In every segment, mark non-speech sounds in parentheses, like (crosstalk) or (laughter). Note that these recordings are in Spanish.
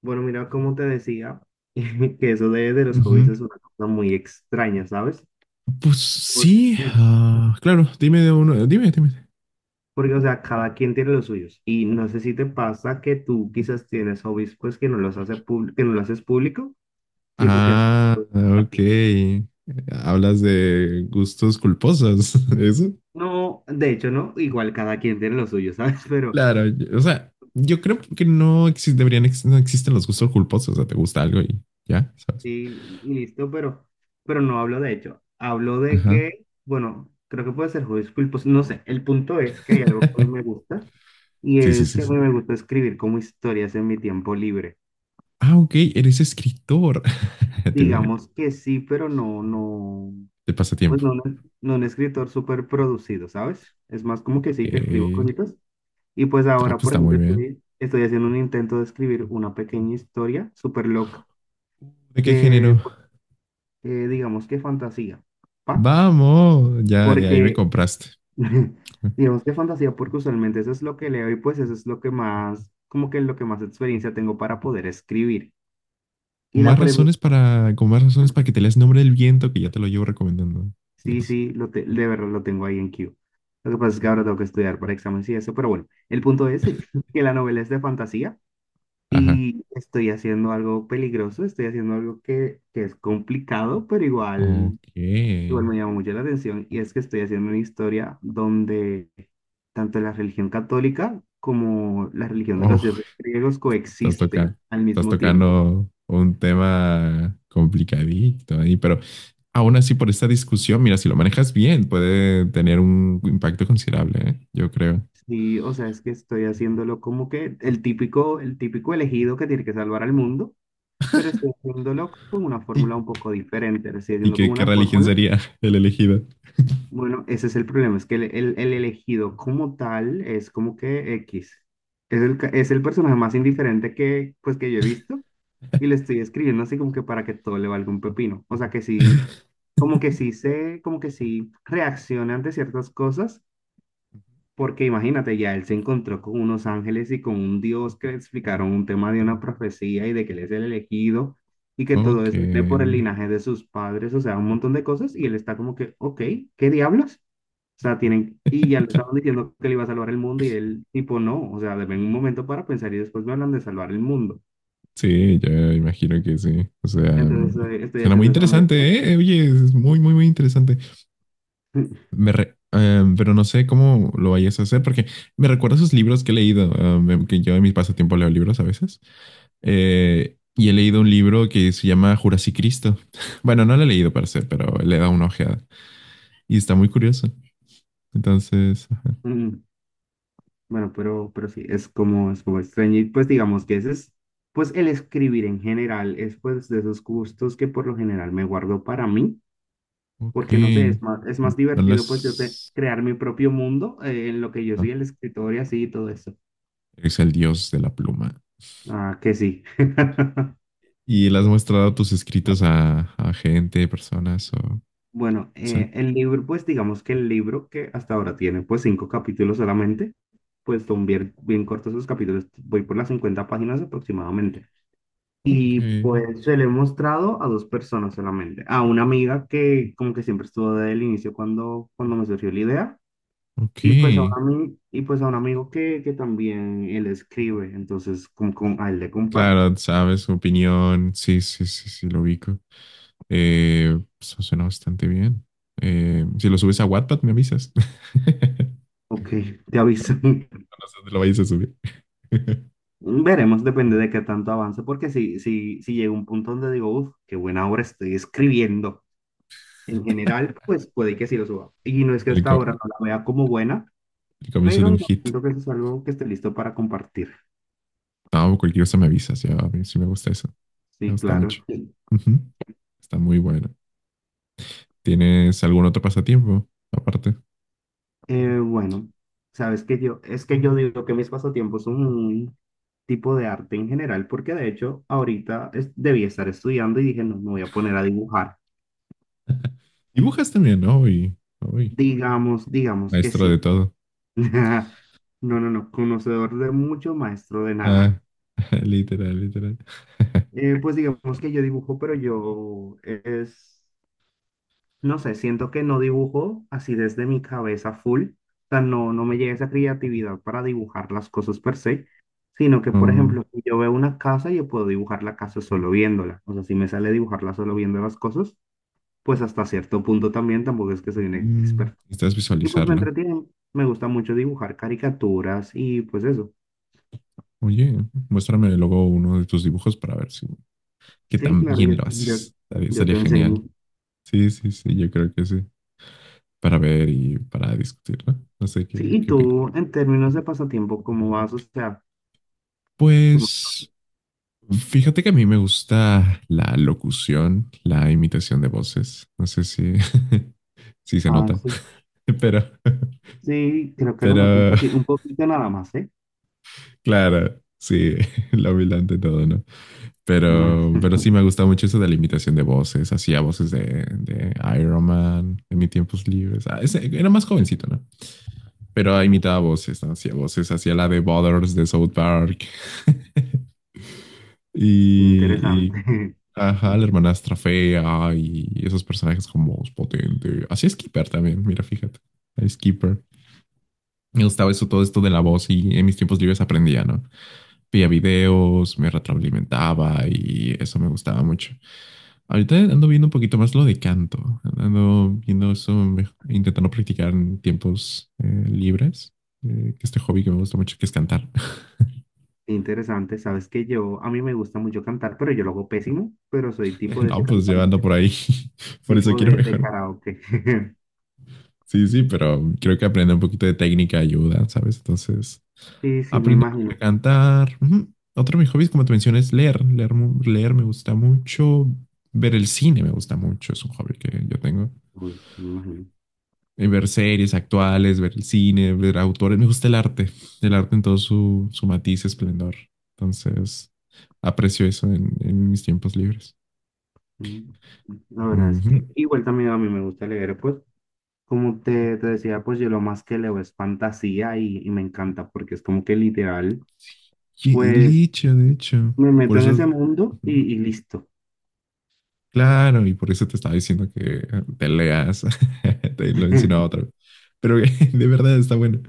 Bueno, mira, como te decía, (laughs) que eso de los hobbies Ujú. es una cosa muy extraña, ¿sabes? Pues Por- sí, (laughs) claro, dime de uno, dime. Porque, o sea, cada quien tiene los suyos. Y no sé si te pasa que tú quizás tienes hobbies, pues, que no lo haces público, tipo que haces Ah, a ti. ok. Hablas de gustos culposos, (laughs) ¿eso? No, de hecho, no, igual cada quien tiene los suyos, ¿sabes? (laughs) Pero Claro, o sea, yo creo que deberían, no existen los gustos culposos, o sea, te gusta algo y ya, ¿sabes? sí, listo, pero no hablo de hecho. Hablo de Ajá. que, bueno, creo que puede ser juez pues no sé. El punto es que hay algo que me (laughs) gusta y Sí, sí, es sí, que a sí. mí me gusta escribir como historias en mi tiempo libre. Ah, ok, eres escritor. (laughs) Te veo. Digamos que sí, pero no, no, De pues pasatiempo. no, no, no un escritor súper producido, ¿sabes? Es más como que sí que escribo Ok. cositas. Y pues Ah, ahora, pues por está muy ejemplo, bien. estoy haciendo un intento de escribir una pequeña historia súper loca ¿De qué que, género? pues, digamos que fantasía, ¿pa? Mm. Vamos, ya, ahí me Porque compraste. (laughs) digamos que fantasía, porque usualmente eso es lo que leo y pues eso es lo que más, como que lo que más experiencia tengo para poder escribir. Y la premisa, Con más razones para que te leas Nombre del Viento, que ya te lo llevo recomendando. sí, Yes. sí, de verdad lo tengo ahí en Q. Lo que pasa es que ahora tengo que estudiar para exámenes y eso, pero bueno, el punto es (laughs) que la novela es de fantasía Ajá. y estoy haciendo algo peligroso, estoy haciendo algo que es complicado, pero igual Ok. igual me llama mucho la atención y es que estoy haciendo una historia donde tanto la religión católica como la religión de los Oh, dioses griegos estás tocando, coexisten al estás mismo tiempo. tocando un tema complicadito ahí, pero aún así por esta discusión, mira, si lo manejas bien, puede tener un impacto considerable, ¿eh? Yo creo. Sí, o sea, es que estoy haciéndolo como que el típico elegido que tiene que salvar al mundo, pero estoy haciéndolo con una ¿Y, fórmula un poco diferente, lo estoy haciendo con qué una religión fórmula. sería el elegido? Bueno, ese es el problema, es que el elegido como tal es como que X. Es el personaje más indiferente que, pues, que yo he visto. Y le estoy escribiendo así como que para que todo le valga un pepino. O sea que sí, como que sí reacciona ante ciertas cosas, porque imagínate, ya él se encontró con unos ángeles y con un Dios que le explicaron un tema de una profecía y de que él es el elegido y que todo Ok. eso viene por el linaje de sus padres, o sea, un montón de cosas y él está como que, ok, ¿qué diablos? O sea, tienen, y ya le (laughs) estaban diciendo que le iba a salvar el mundo y él tipo no, o sea, deben un momento para pensar y después me hablan de salvar el mundo. Sí, yo imagino que sí. O sea, Entonces estoy suena muy haciendo esa mezcla. interesante, ¿eh? Oye, es muy, muy, muy interesante. Mm, Pero no sé cómo lo vayas a hacer porque me recuerda a esos libros que he leído, que yo en mis pasatiempos leo libros a veces. Y he leído un libro que se llama Jurassic Cristo. (laughs) Bueno, no lo he leído para ser, pero le he dado una ojeada y está muy curioso. Entonces, ajá, mm, Bueno, pero sí, es como extraño. Y pues digamos que ese es, pues el escribir en general es pues de esos gustos que por lo general me guardo para mí, porque no sé, es ok. más, es más No divertido pues las... crear mi propio mundo en lo que yo ah, soy el escritor y así y todo eso. es el dios de la pluma. Ah, que sí. (laughs) ¿Y le has mostrado tus escritos a gente, personas o... no Bueno, sé? eh, el libro, pues digamos que el libro que hasta ahora tiene pues cinco capítulos solamente, pues son bien, bien cortos esos capítulos, voy por las 50 páginas aproximadamente. Ok, Y pues se lo he mostrado a dos personas solamente. A una amiga que como que siempre estuvo desde el inicio cuando, cuando me surgió la idea. ok. Y pues a un, ami- y pues a un amigo que también él escribe. Entonces a él le comparto. Claro, sabes, su opinión. Sí, sí, sí, sí, lo ubico. Pues, suena bastante bien. Si lo subes a Wattpad, me avisas. (laughs) Ok, te aviso. (laughs) No sé dónde lo vayas a subir. (laughs) Veremos, depende de qué tanto avance. Porque si llega un punto donde digo, uff, qué buena obra estoy escribiendo. En general, pues puede que sí lo suba. Y no es que El, hasta co- ahora no la vea como buena, el comienzo de pero un no hit. siento que eso es algo que esté listo para compartir. No, cualquier cosa me avisas. Ya, a mí sí me gusta eso. Me Sí, gusta claro. mucho. Ujú. Está muy bueno. ¿Tienes algún otro pasatiempo aparte? Bueno, sabes que yo, es que yo digo que mis pasatiempos son un tipo de arte en general, porque de hecho ahorita debía estar estudiando y dije, no, me voy a poner a dibujar. Dibujas también, ¿no? Uy, uy, Digamos que maestro de sí. todo. (laughs) No, no, no, conocedor de mucho, maestro de nada. Ah, (laughs) literal, literal. (laughs) Pues digamos que yo dibujo, pero yo es no sé, siento que no dibujo así desde mi cabeza full, o sea, no me llega esa creatividad para dibujar las cosas per se, sino que, por Oh, ejemplo, si yo veo una casa, yo puedo dibujar la casa solo viéndola, o sea, si me sale dibujarla solo viendo las cosas, pues hasta cierto punto también, tampoco es que soy un mm, experto. necesitas Y pues me visualizarlo. entretiene, me gusta mucho dibujar caricaturas y pues eso. Oye, muéstrame luego uno de tus dibujos para ver si qué Sí, tan claro, yo, bien lo yo, haces. Yo Estaría te enseño. genial. Sí, sí, sí, yo creo que sí. Para ver y para discutir, ¿no? No sé Sí, y qué opinas. tú, en términos de pasatiempo, ¿cómo vas? O sea, ¿cómo? Pues fíjate que a mí me gusta la locución, la imitación de voces. No sé si, (laughs) si se Ah, nota, sí. (laughs) pero, Sí, creo que lo noto pero un poquito nada más, ¿eh? claro, sí, (laughs) la humildad de todo, ¿no? Ah, Pero sí me gusta mucho eso de la imitación de voces. Hacía voces de Iron Man en mis tiempos libres. Ah, era más jovencito, ¿no? Pero imitaba voces, ¿no? Hacía voces, hacía la de Butters de South Park. (laughs) Y, y, interesante, (laughs) ajá, la hermanastra fea y esos personajes con voz potente. Hacía Skipper también, mira, fíjate. A Skipper. Me gustaba eso, todo esto de la voz y en mis tiempos libres aprendía, ¿no? Veía videos, me retroalimentaba y eso me gustaba mucho. Ahorita ando viendo un poquito más lo de canto. Ando viendo eso, intentando practicar en tiempos libres. Que este hobby que me gusta mucho, que es cantar. (laughs) interesante. Sabes que yo, a mí me gusta mucho cantar, pero yo lo hago pésimo, pero soy tipo de ese No, pues yo ando cantante, por ahí. (laughs) Por eso tipo quiero de mejorar. karaoke. (laughs) Sí, sí, pero creo que aprender un poquito de técnica ayuda, ¿sabes? Entonces, Sí, sí, me aprendo un poquito a imagino. cantar. Ujú. Otro de mis hobbies, como te mencioné, es leer. Leer, leer me gusta mucho. Ver el cine me gusta mucho. Es un hobby que yo tengo. Uy, sí, me imagino. Ver series actuales, ver el cine, ver autores. Me gusta el arte en todo su, su matiz, esplendor. Entonces, aprecio eso en mis tiempos libres. Mm, la verdad es que Ujú. igual también a mí me gusta leer, pues, como te decía, pues yo lo más que leo es fantasía y me encanta porque es como que literal, Sí, pues Licha, de hecho. me Por meto en eso, ese mundo ujú. y listo. Claro, y por eso te estaba diciendo que te leas. (laughs) Te lo insinuaba otra vez. (laughs) Pero (laughs) de verdad está bueno.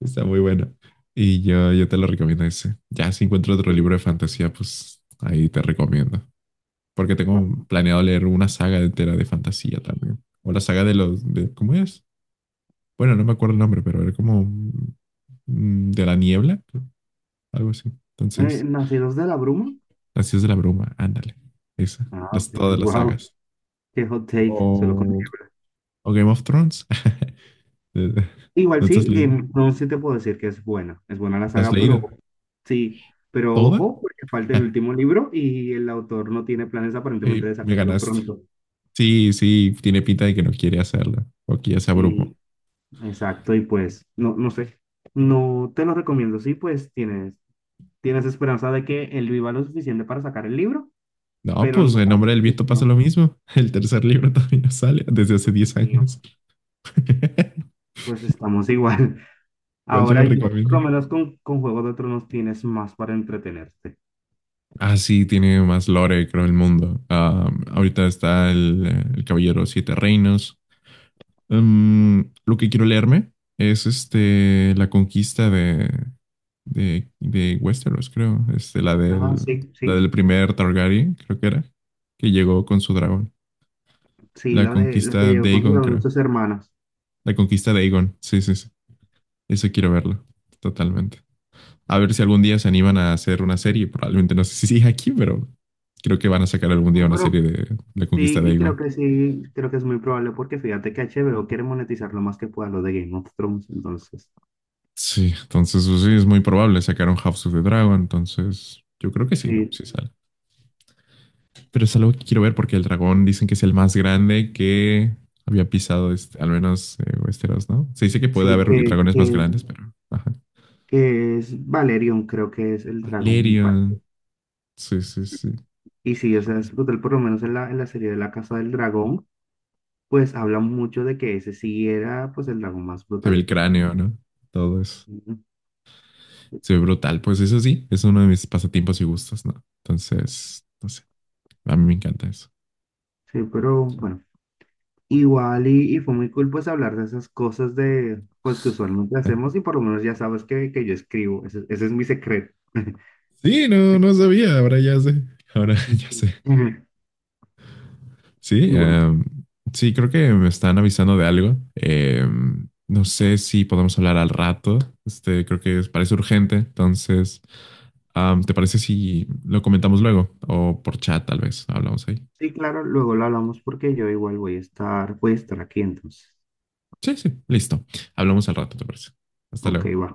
Está muy bueno. Y yo te lo recomiendo ese. Ya si encuentro otro Sí, libro de sí. fantasía, pues ahí te recomiendo. Porque tengo planeado leer una saga entera de fantasía también. O la saga de los... De, ¿cómo es? Bueno, no me acuerdo el nombre, pero era como... De la niebla, creo, algo así. Entonces, ¿Nacidos de la Bruma? las Ciudades de la bruma, ándale. Esa, Ah, las, todas las wow, sagas. (laughs) qué hot take, se lo O, conllevo. o Game of Thrones. (laughs) Igual ¿No te sí, has leído? Game of Thrones sí te puedo decir que es buena la ¿La has saga, pero leído? sí, pero ¿Toda? ojo, porque falta el (laughs) último libro y el autor no tiene planes aparentemente Ay, de me sacarlo ganaste. pronto. Sí, sí, tiene pinta de que no quiere hacerlo. O que ya se abrumó. Y exacto, y pues, no, no sé, no te lo recomiendo, sí, pues tienes, esperanza de que él viva lo suficiente para sacar el libro, No, pero pues no, en Nombre del sí, Viento pasa no, lo mismo. (laughs) El tercer libro también no sale desde hace Dios 10 mío, años. (laughs) pues estamos igual. Igual te lo Ahora yo, por recomiendo. lo menos con Juego de Tronos tienes más para entretenerte. Ah, sí, tiene más lore, creo, el mundo. Ah, ahorita está el Caballero Siete Reinos. Mm, lo que quiero leerme es este, la conquista de, de Westeros, creo. Este, Ah, sí, la sí, del primer Targaryen, creo que era, que llegó con su dragón. sí, La la de la que conquista llegó de Aegon, con creo. sus hermanas. La conquista de Aegon, sí, sí, sí. Eso quiero verlo, totalmente. A ver si algún día se animan a hacer una serie. Probablemente no sé si sigue aquí, pero creo que van a sacar algún día No, una serie pero de la conquista sí, de y creo Aegon. que sí, creo que es muy probable porque fíjate que HBO quiere monetizar lo más que pueda lo de Game of Thrones, entonces Sí, entonces pues, sí, es muy probable. Sacaron House of the Dragon, entonces yo creo que sí, sí, sí sale. Pero es algo que quiero ver porque el dragón dicen que es el más grande que había pisado, al menos Westeros, ¿no? Se dice que puede sí haber que, dragones que, más grandes, pero... Ajá. que es Valerion, creo que es el dragón, mi Valerion. parte. Sí, sí, sí. Y sí, o sea, es brutal, por lo menos en la serie de La Casa del Dragón, pues hablan mucho de que ese sí era pues el dragón más Se ve brutal y el todo. cráneo, ¿no? Todo eso. Se ve brutal. Pues eso sí, es uno de mis pasatiempos y gustos, ¿no? Entonces, no sé, a mí me encanta eso. Sí, pero bueno, igual y fue muy cool pues hablar de esas cosas de pues que usualmente hacemos (laughs) y por lo menos ya sabes que yo escribo, ese es mi secreto. (laughs) Sí, no, no sabía, ahora ya sé. Ahora (laughs) ya sé. Ujú. Sí, Y bueno, sí, creo que me están avisando de algo. No sé si podemos hablar al rato. Este, creo que parece urgente. Entonces, ¿te parece si lo comentamos luego? O por chat, tal vez. Hablamos ahí. sí, claro, luego lo hablamos porque yo igual voy a estar aquí entonces. Sí, sí, listo. Hablamos al rato, ¿te parece? Hasta Ok, luego. va.